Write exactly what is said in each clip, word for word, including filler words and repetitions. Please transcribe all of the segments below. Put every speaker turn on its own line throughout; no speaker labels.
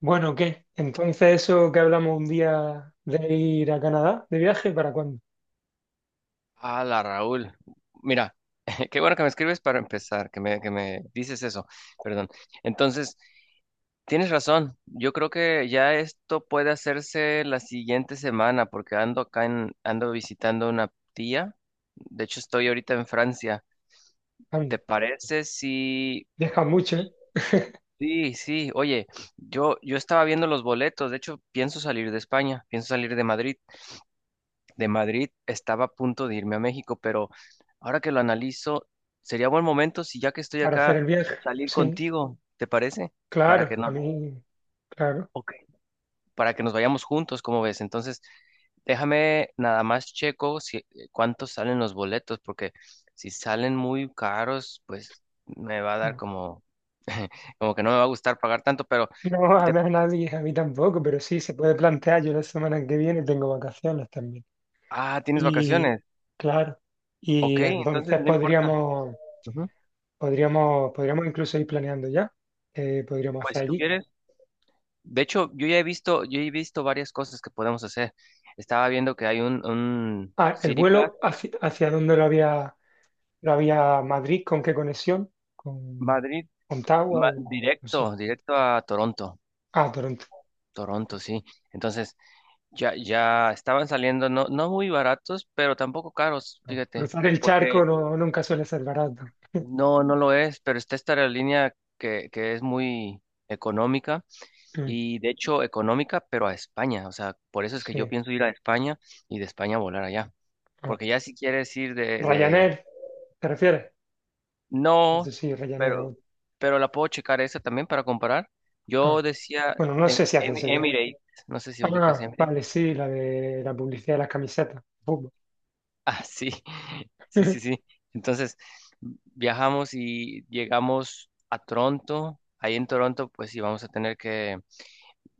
Bueno, ¿qué? Entonces, eso que hablamos un día de ir a Canadá de viaje, ¿para cuándo?
Hola Raúl, mira, qué bueno que me escribes para empezar, que me, que me dices eso, perdón. Entonces, tienes razón, yo creo que ya esto puede hacerse la siguiente semana porque ando acá en, ando visitando una tía, de hecho estoy ahorita en Francia.
Anda,
¿Te parece si...
viajas mucho, ¿eh?
Sí, sí, oye, yo, yo estaba viendo los boletos, de hecho pienso salir de España, pienso salir de Madrid. De Madrid estaba a punto de irme a México, pero ahora que lo analizo, sería buen momento si ya que estoy
Para hacer
acá,
el viaje.
salir
Sí,
contigo, ¿te parece? Para que
claro, a
no,
mí, claro.
ok, para que nos vayamos juntos, ¿cómo ves? Entonces, déjame nada más checo si eh, cuántos salen los boletos, porque si salen muy caros, pues me va a dar
Ya.
como, como que no me va a gustar pagar tanto, pero
No, a
te-
mí a nadie, a mí tampoco, pero sí, se puede plantear. Yo la semana que viene tengo vacaciones también.
ah, tienes
Y,
vacaciones.
claro,
Ok,
y
entonces
entonces
no importa.
podríamos,
Ujú.
podríamos, podríamos incluso ir planeando ya. Eh, podríamos
Pues
hacer
si tú
allí.
quieres. De hecho, yo ya he visto, yo he visto varias cosas que podemos hacer. Estaba viendo que hay un, un
Ah, el
City Pack
vuelo, ¿hacia, hacia dónde lo había? Pero había Madrid, ¿con qué conexión? ¿Con
Madrid,
Ottawa
ma-
o no
directo,
sé?
directo a Toronto.
Ah, Toronto.
Toronto, sí. Entonces, ya, ya estaban saliendo, no, no muy baratos, pero tampoco caros,
No.
fíjate,
Cruzar el
porque
charco no, nunca suele ser barato.
no, no lo es, pero está esta aerolínea que, que es muy económica
Mm,
y de hecho económica, pero a España. O sea, por eso es que yo
sí.
pienso ir a España y de España volar allá.
Ah.
Porque ya si quieres ir de, de
Ryanair, ¿te refieres? No
no,
sé si Ryanair o...
pero, pero la puedo checar esa también para comparar. Yo
ah.
decía
Bueno, no
em-
sé si hace
em-
ese viaje.
Emirates, no sé si ubicas
Ah,
Emirates.
vale, sí, la de la publicidad de las camisetas. Fútbol.
Ah, sí, sí, sí, sí. Entonces viajamos y llegamos a Toronto. Ahí en Toronto, pues sí, vamos a tener que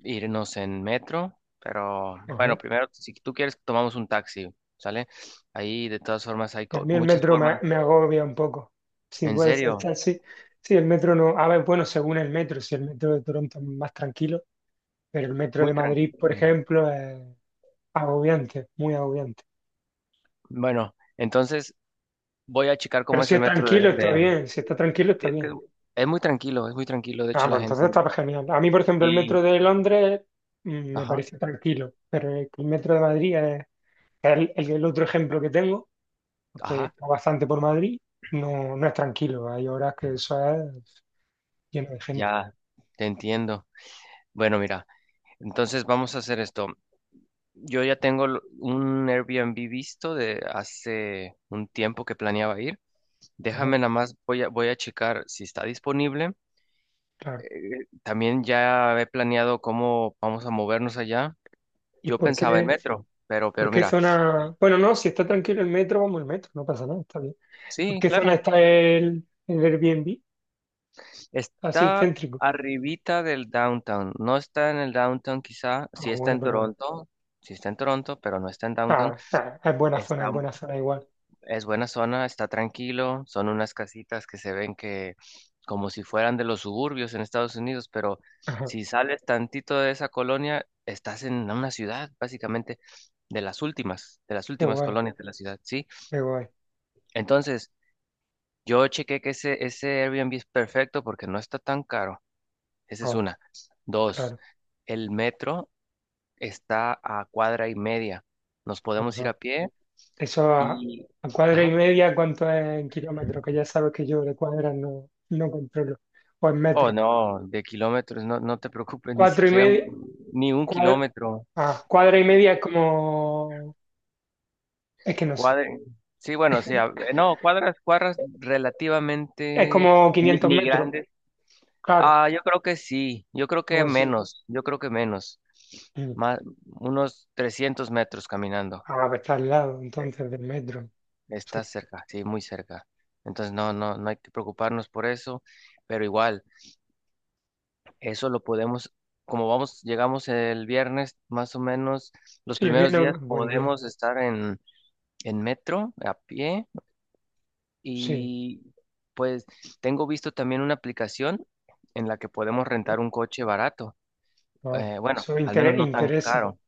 irnos en metro. Pero bueno,
Ajá.
primero, si tú quieres, tomamos un taxi, ¿sale? Ahí de todas formas hay
Y a
co-
mí el
muchas
metro me,
formas.
me agobia un poco. Si
En
puede ser
serio,
taxi. Sí, sí, el metro no. A ver, bueno, según el metro, si el metro de Toronto es más tranquilo, pero el metro
muy
de Madrid, por
tranquilo.
ejemplo, agobiante, muy agobiante.
Bueno, entonces voy a checar
Pero
cómo es
si
el
es
metro
tranquilo,
de,
está
de-
bien. Si está tranquilo,
sí,
está
es que
bien.
es es muy tranquilo, es muy tranquilo, de hecho
Ah,
la
pues entonces
gente
está
no.
genial. A mí, por ejemplo, el
Y,
metro de Londres mm, me
ajá,
parece tranquilo, pero el el metro de Madrid es el, el- el otro ejemplo que tengo, porque
ajá,
está bastante por Madrid, no, no es tranquilo. Hay horas que eso es lleno de gente.
ya te entiendo. Bueno, mira, entonces vamos a hacer esto. Yo ya tengo l- un Airbnb visto de hace un tiempo que planeaba ir.
Ajá,
Déjame nada más, voy a, voy a checar si está disponible.
claro.
Eh, también ya he planeado cómo vamos a movernos allá.
¿Y
Yo
por
pensaba en
qué,
metro, pero,
por
pero
qué
mira,
zona? Bueno, no, si está tranquilo el metro, vamos el metro, no pasa nada, está bien. ¿Por
sí,
qué zona
claro.
está el, el Airbnb? Así,
Está
céntrico.
arribita del downtown. No está en el downtown quizá.
Ah,
Sí está
bueno,
en
pero
Toronto. Sí está en Toronto, pero no está en downtown.
ah, ah, es buena zona,
Está,
es buena zona igual.
es buena zona, está tranquilo. Son unas casitas que se ven que como si fueran de los suburbios en Estados Unidos, pero
Ajá,
si sales tantito de esa colonia, estás en una ciudad, básicamente, de las últimas, de las
qué
últimas
guay,
colonias de la ciudad, ¿sí?
qué guay.
Entonces, yo chequé que ese, ese Airbnb es perfecto porque no está tan caro. Esa es
Ah,
una. Dos,
claro.
el metro está a cuadra y media. Nos podemos ir
Ajá.
a pie
Eso a,
y...
a cuadra y
Ajá.
media, ¿cuánto es en kilómetros? Que ya sabes que yo de cuadras no, no controlo. O en
Oh,
metros.
no, de kilómetros, no, no te preocupes, ni
Cuatro y
siquiera
media,
un- ni un
cuadra,
kilómetro.
ah, cuadra y media es como, es que no sé,
Cuadra... Sí, bueno, sí, a- no, cuadras, cuadras
es
relativamente
como
ni,
quinientos
ni
metros,
grandes.
claro,
Ah, yo creo que sí, yo creo
algo
que
así.
menos, yo creo que menos.
Mm.
Más, unos trescientos metros caminando.
Ah, pues está al lado entonces del metro. Sí,
Está cerca, sí, muy cerca. Entonces no, no, no hay que preocuparnos por eso, pero igual, eso lo podemos, como vamos, llegamos el viernes, más o menos, los
sí, el
primeros días
viernes, buen día.
podemos estar en, en metro, a pie,
Sí,
y pues tengo visto también una aplicación en la que podemos rentar un coche barato.
ah,
Eh, bueno,
eso
al menos
inter-
no tan
interesa.
caro.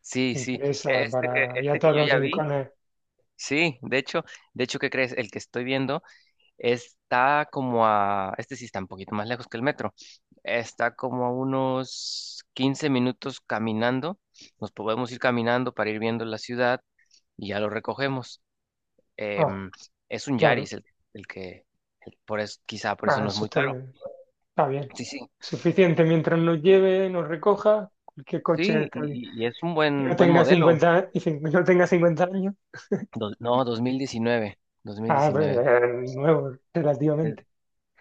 Sí, sí. e-,
Interesa
Este que,
para ir a
este que
todos
yo
los
ya vi,
rincones.
sí, de hecho, de hecho, ¿qué crees? El que estoy viendo. Está como a, este sí está un poquito más lejos que el metro. Está como a unos quince minutos caminando. Nos podemos ir caminando para ir viendo la ciudad y ya lo recogemos. Em,
Ah,
es un Yaris
claro,
el, el que, el- por eso, quizá por eso
ah,
no es
eso
muy
está,
caro.
está bien.
Sí, sí.
Suficiente mientras nos lleve, nos recoja, cualquier coche
Sí,
está bien.
y, y- y es un
Y no
buen, buen
tenga
modelo.
cincuenta y cin- no tenga cincuenta años.
Dos- no, dos mil diecinueve,
Ah, pues,
dos mil diecinueve.
eh, nuevo,
Es
relativamente.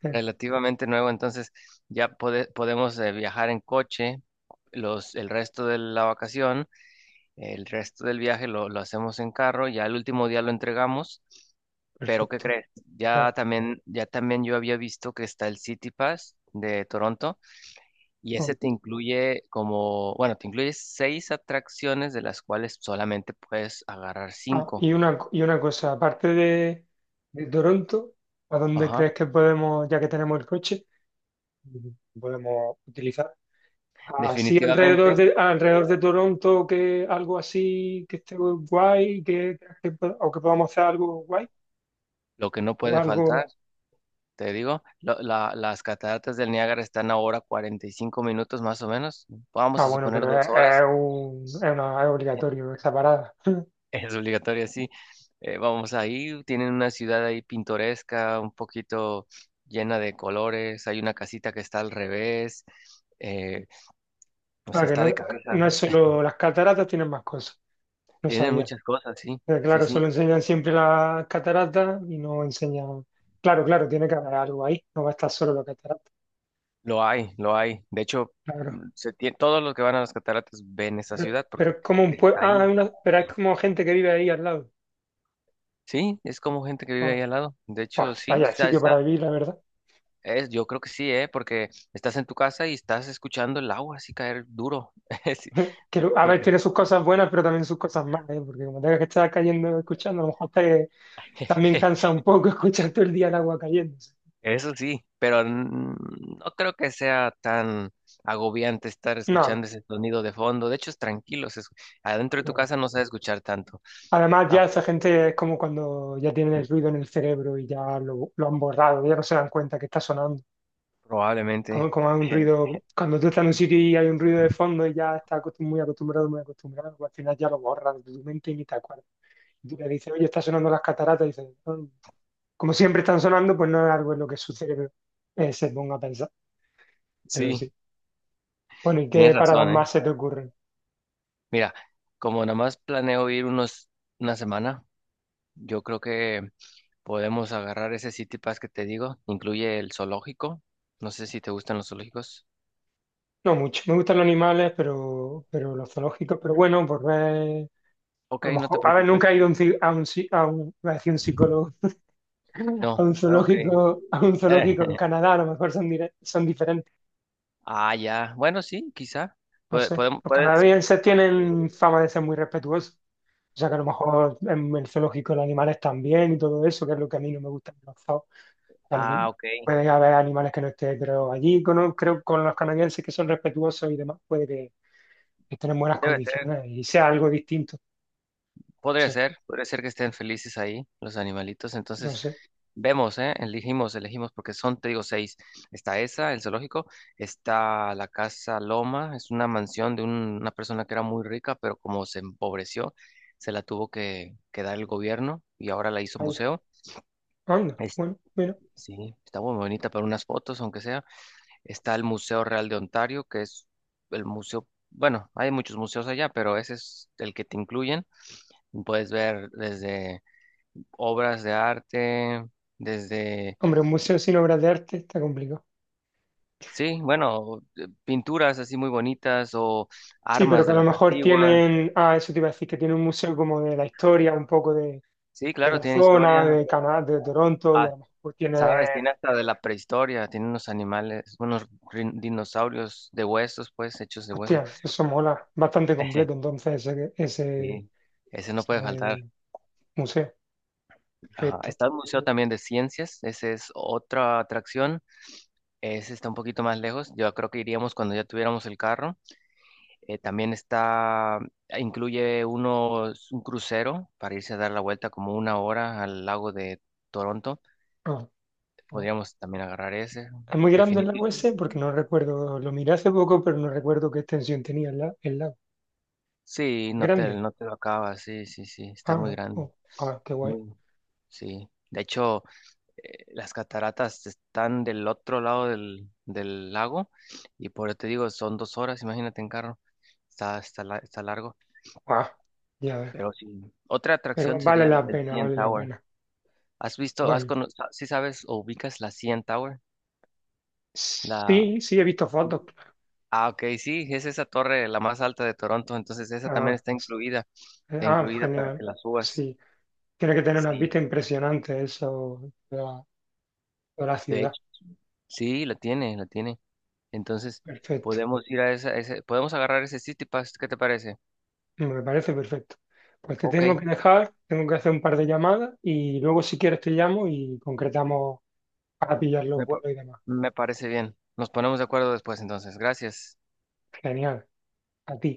Eh,
relativamente nuevo, entonces ya pode- podemos eh, viajar en coche los, el resto de la vacación. El resto del viaje lo, lo hacemos en carro, ya el último día lo entregamos, pero ¿qué
Perfecto,
crees? Ya
claro.
también, ya también yo había visto que está el City Pass de Toronto y
Oh,
ese te incluye como, bueno, te incluye seis atracciones de las cuales solamente puedes agarrar
ah,
cinco.
y una, co- y una cosa, aparte de, de Toronto, ¿a dónde
Ajá.
crees que podemos, ya que tenemos el coche, podemos utilizar? Así
Definitivamente,
alrededor de, alrededor de Toronto, que algo así que esté guay, que, que po- o que podamos hacer algo guay,
lo que no
o
puede faltar,
algo.
te digo, lo- la- las cataratas del Niágara están ahora cuarenta y cinco minutos más o menos, vamos
Ah,
a
bueno,
suponer
pero es,
dos
es
horas.
un- es una- es obligatorio esa parada.
Es obligatoria, sí. Eh, vamos ahí, tienen una ciudad ahí pintoresca, un poquito llena de colores, hay una casita que está al revés, eh, o sea,
Para que
está de
no,
cabeza.
no es solo las cataratas, tienen más cosas. No
Tienen
sabía.
muchas cosas, sí,
Pero
sí,
claro,
sí,
solo enseñan siempre las cataratas y no enseñan. Claro, claro, tiene que haber algo ahí. No va a estar solo las cataratas.
lo hay, lo hay. De hecho,
Claro.
mm, se tie- todos los que van a las cataratas ven esa
Pero,
ciudad
pero
porque
es como un pueblo.
está ahí.
Ah, hay una- pero es como gente que vive ahí al lado.
Sí, es como gente que vive
Ah,
ahí al lado. De
buah,
hecho, sí,
vaya
está,
sitio para
está,
vivir, la verdad.
es, yo creo que sí, ¿eh? Porque estás en tu casa y estás escuchando el agua así caer duro.
Que,
Sí,
a ver,
porque
tiene sus cosas buenas, pero también sus cosas malas, ¿eh? Porque como tengas que estar cayendo escuchando, a lo mejor te, también cansa un poco escuchar todo el día el agua cayéndose.
eso sí, pero n- no creo que sea tan agobiante estar
No, no,
escuchando ese sonido de fondo. De hecho, es tranquilo. se escu- Adentro de tu
claro.
casa no se va a escuchar tanto.
Además,
Ah,
ya esa gente es como cuando ya tienen el ruido en el cerebro y ya lo, lo han borrado, ya no se dan cuenta que está sonando.
probablemente.
Como, como hay un ruido, cuando tú estás en un sitio y hay un ruido de fondo y ya estás acostum- muy acostumbrado, muy acostumbrado, pues al final ya lo borras de tu mente y ni te acuerdas. Y tú le dices, oye, está sonando las cataratas, y dices, "Ah". Como siempre están sonando, pues no es algo en lo que su cerebro eh, se ponga a pensar, pero
Sí,
sí. Bueno, ¿y
tienes
qué paradas
razón, ¿eh?
más se te ocurren?
Mira, como nada más planeo ir unos, una semana, yo creo que podemos agarrar ese City Pass que te digo. Incluye el zoológico. No sé si te gustan los zoológicos.
No mucho, me gustan los animales, pero, pero los zoológicos, pero bueno, por ver, a
Ok,
lo
no te
mejor, a ver,
preocupes.
nunca he ido a un, ci- a un, ci- a un, iba a decir un psicólogo, a
No,
un
ok.
zoológico, a un zoológico en Canadá, a lo mejor son, dire- son diferentes,
Ah, ya. Bueno, sí, quizá.
no
Puede,
sé.
podemos,
Los
puedes.
canadienses
pue-
tienen fama de ser muy respetuosos, o sea que a lo mejor en el zoológico los animales también y todo eso, que es lo que a mí no me gusta en los zoos.
ah,
algún-
ok.
Puede haber animales que no estén, pero allí con- creo con los canadienses que son respetuosos y demás, puede que estén en buenas
Debe ser.
condiciones y sea algo distinto. No
Podría
sé,
ser. Podría ser que estén felices ahí, los animalitos.
no
Entonces,
sé.
vemos, ¿eh? Elegimos, elegimos, porque son, te digo, seis. Está esa, el zoológico. Está la Casa Loma. Es una mansión de un- una persona que era muy rica, pero como se empobreció, se la tuvo que, que dar el gobierno y ahora la hizo
Vaya.
museo.
Anda,
Es-
bueno, mira.
sí, está muy bonita para unas fotos, aunque sea. Está el Museo Real de Ontario, que es el museo, bueno, hay muchos museos allá, pero ese es el que te incluyen. Puedes ver desde obras de arte, desde,
Hombre, un museo sin obras de arte está complicado.
sí, bueno, eh, pinturas así muy bonitas o
Sí, pero
armas
que
de
a lo
las
mejor
antiguas.
tienen, ah, eso te iba a decir, que tiene un museo como de la historia, un poco de,
Sí,
de
claro,
la
tiene
zona,
historia.
de Canadá, de Toronto, y a
Ah,
lo mejor tienen,
sabes, tiene hasta de la prehistoria, tiene unos animales, unos rin- dinosaurios de huesos, pues, hechos de huesos.
hostia, eso mola, bastante completo entonces ese, ese,
Sí, ese no puede faltar.
ese museo.
Ajá,
Perfecto.
está el Museo también de Ciencias, esa es otra atracción, ese está un poquito más lejos, yo creo que iríamos cuando ya tuviéramos el carro. Eh, también está, incluye unos, un crucero para irse a dar la vuelta como una hora al lago de Toronto,
Ah, ah.
podríamos también agarrar ese,
Es muy grande el lago ese porque
definitivamente.
no recuerdo, lo miré hace poco, pero no recuerdo qué extensión tenía el, la- el lago.
Sí, no te,
Grande.
no te lo acabas, sí, sí, sí, está
Ah,
muy
no.
grande,
Oh, ah, qué guay.
muy, sí. De hecho, eh, las cataratas están del otro lado del, del lago y por eso te digo, son dos horas, imagínate en carro, está, está, la- está largo,
Ah, ya ves.
pero sí, otra atracción
Pero vale
sería la
la
del
pena,
C N
vale la
Tower.
pena.
¿Has visto, has
Bueno,
cono- sa- ¿Si sabes o ubicas la C N Tower? La,
sí, sí, he visto fotos.
ah, ok, sí, es esa torre la más alta de Toronto, entonces esa también
Ah,
está
s-
incluida, está
ah,
incluida para
genial.
que la subas.
Así. Tiene que tener unas
Sí,
vistas impresionantes eso de la, de la
de
ciudad.
hecho, sí, la tiene, la tiene. Entonces,
Perfecto.
podemos ir a esa, ese, podemos agarrar ese City Pass, ¿qué te parece?
Me parece perfecto. Pues te
Ok,
tengo que dejar, tengo que hacer un par de llamadas y luego si quieres te llamo y concretamos para pillar los
me, pa-
vuelos y demás.
me parece bien. Nos ponemos de acuerdo después entonces. Gracias.
Genial. A ti.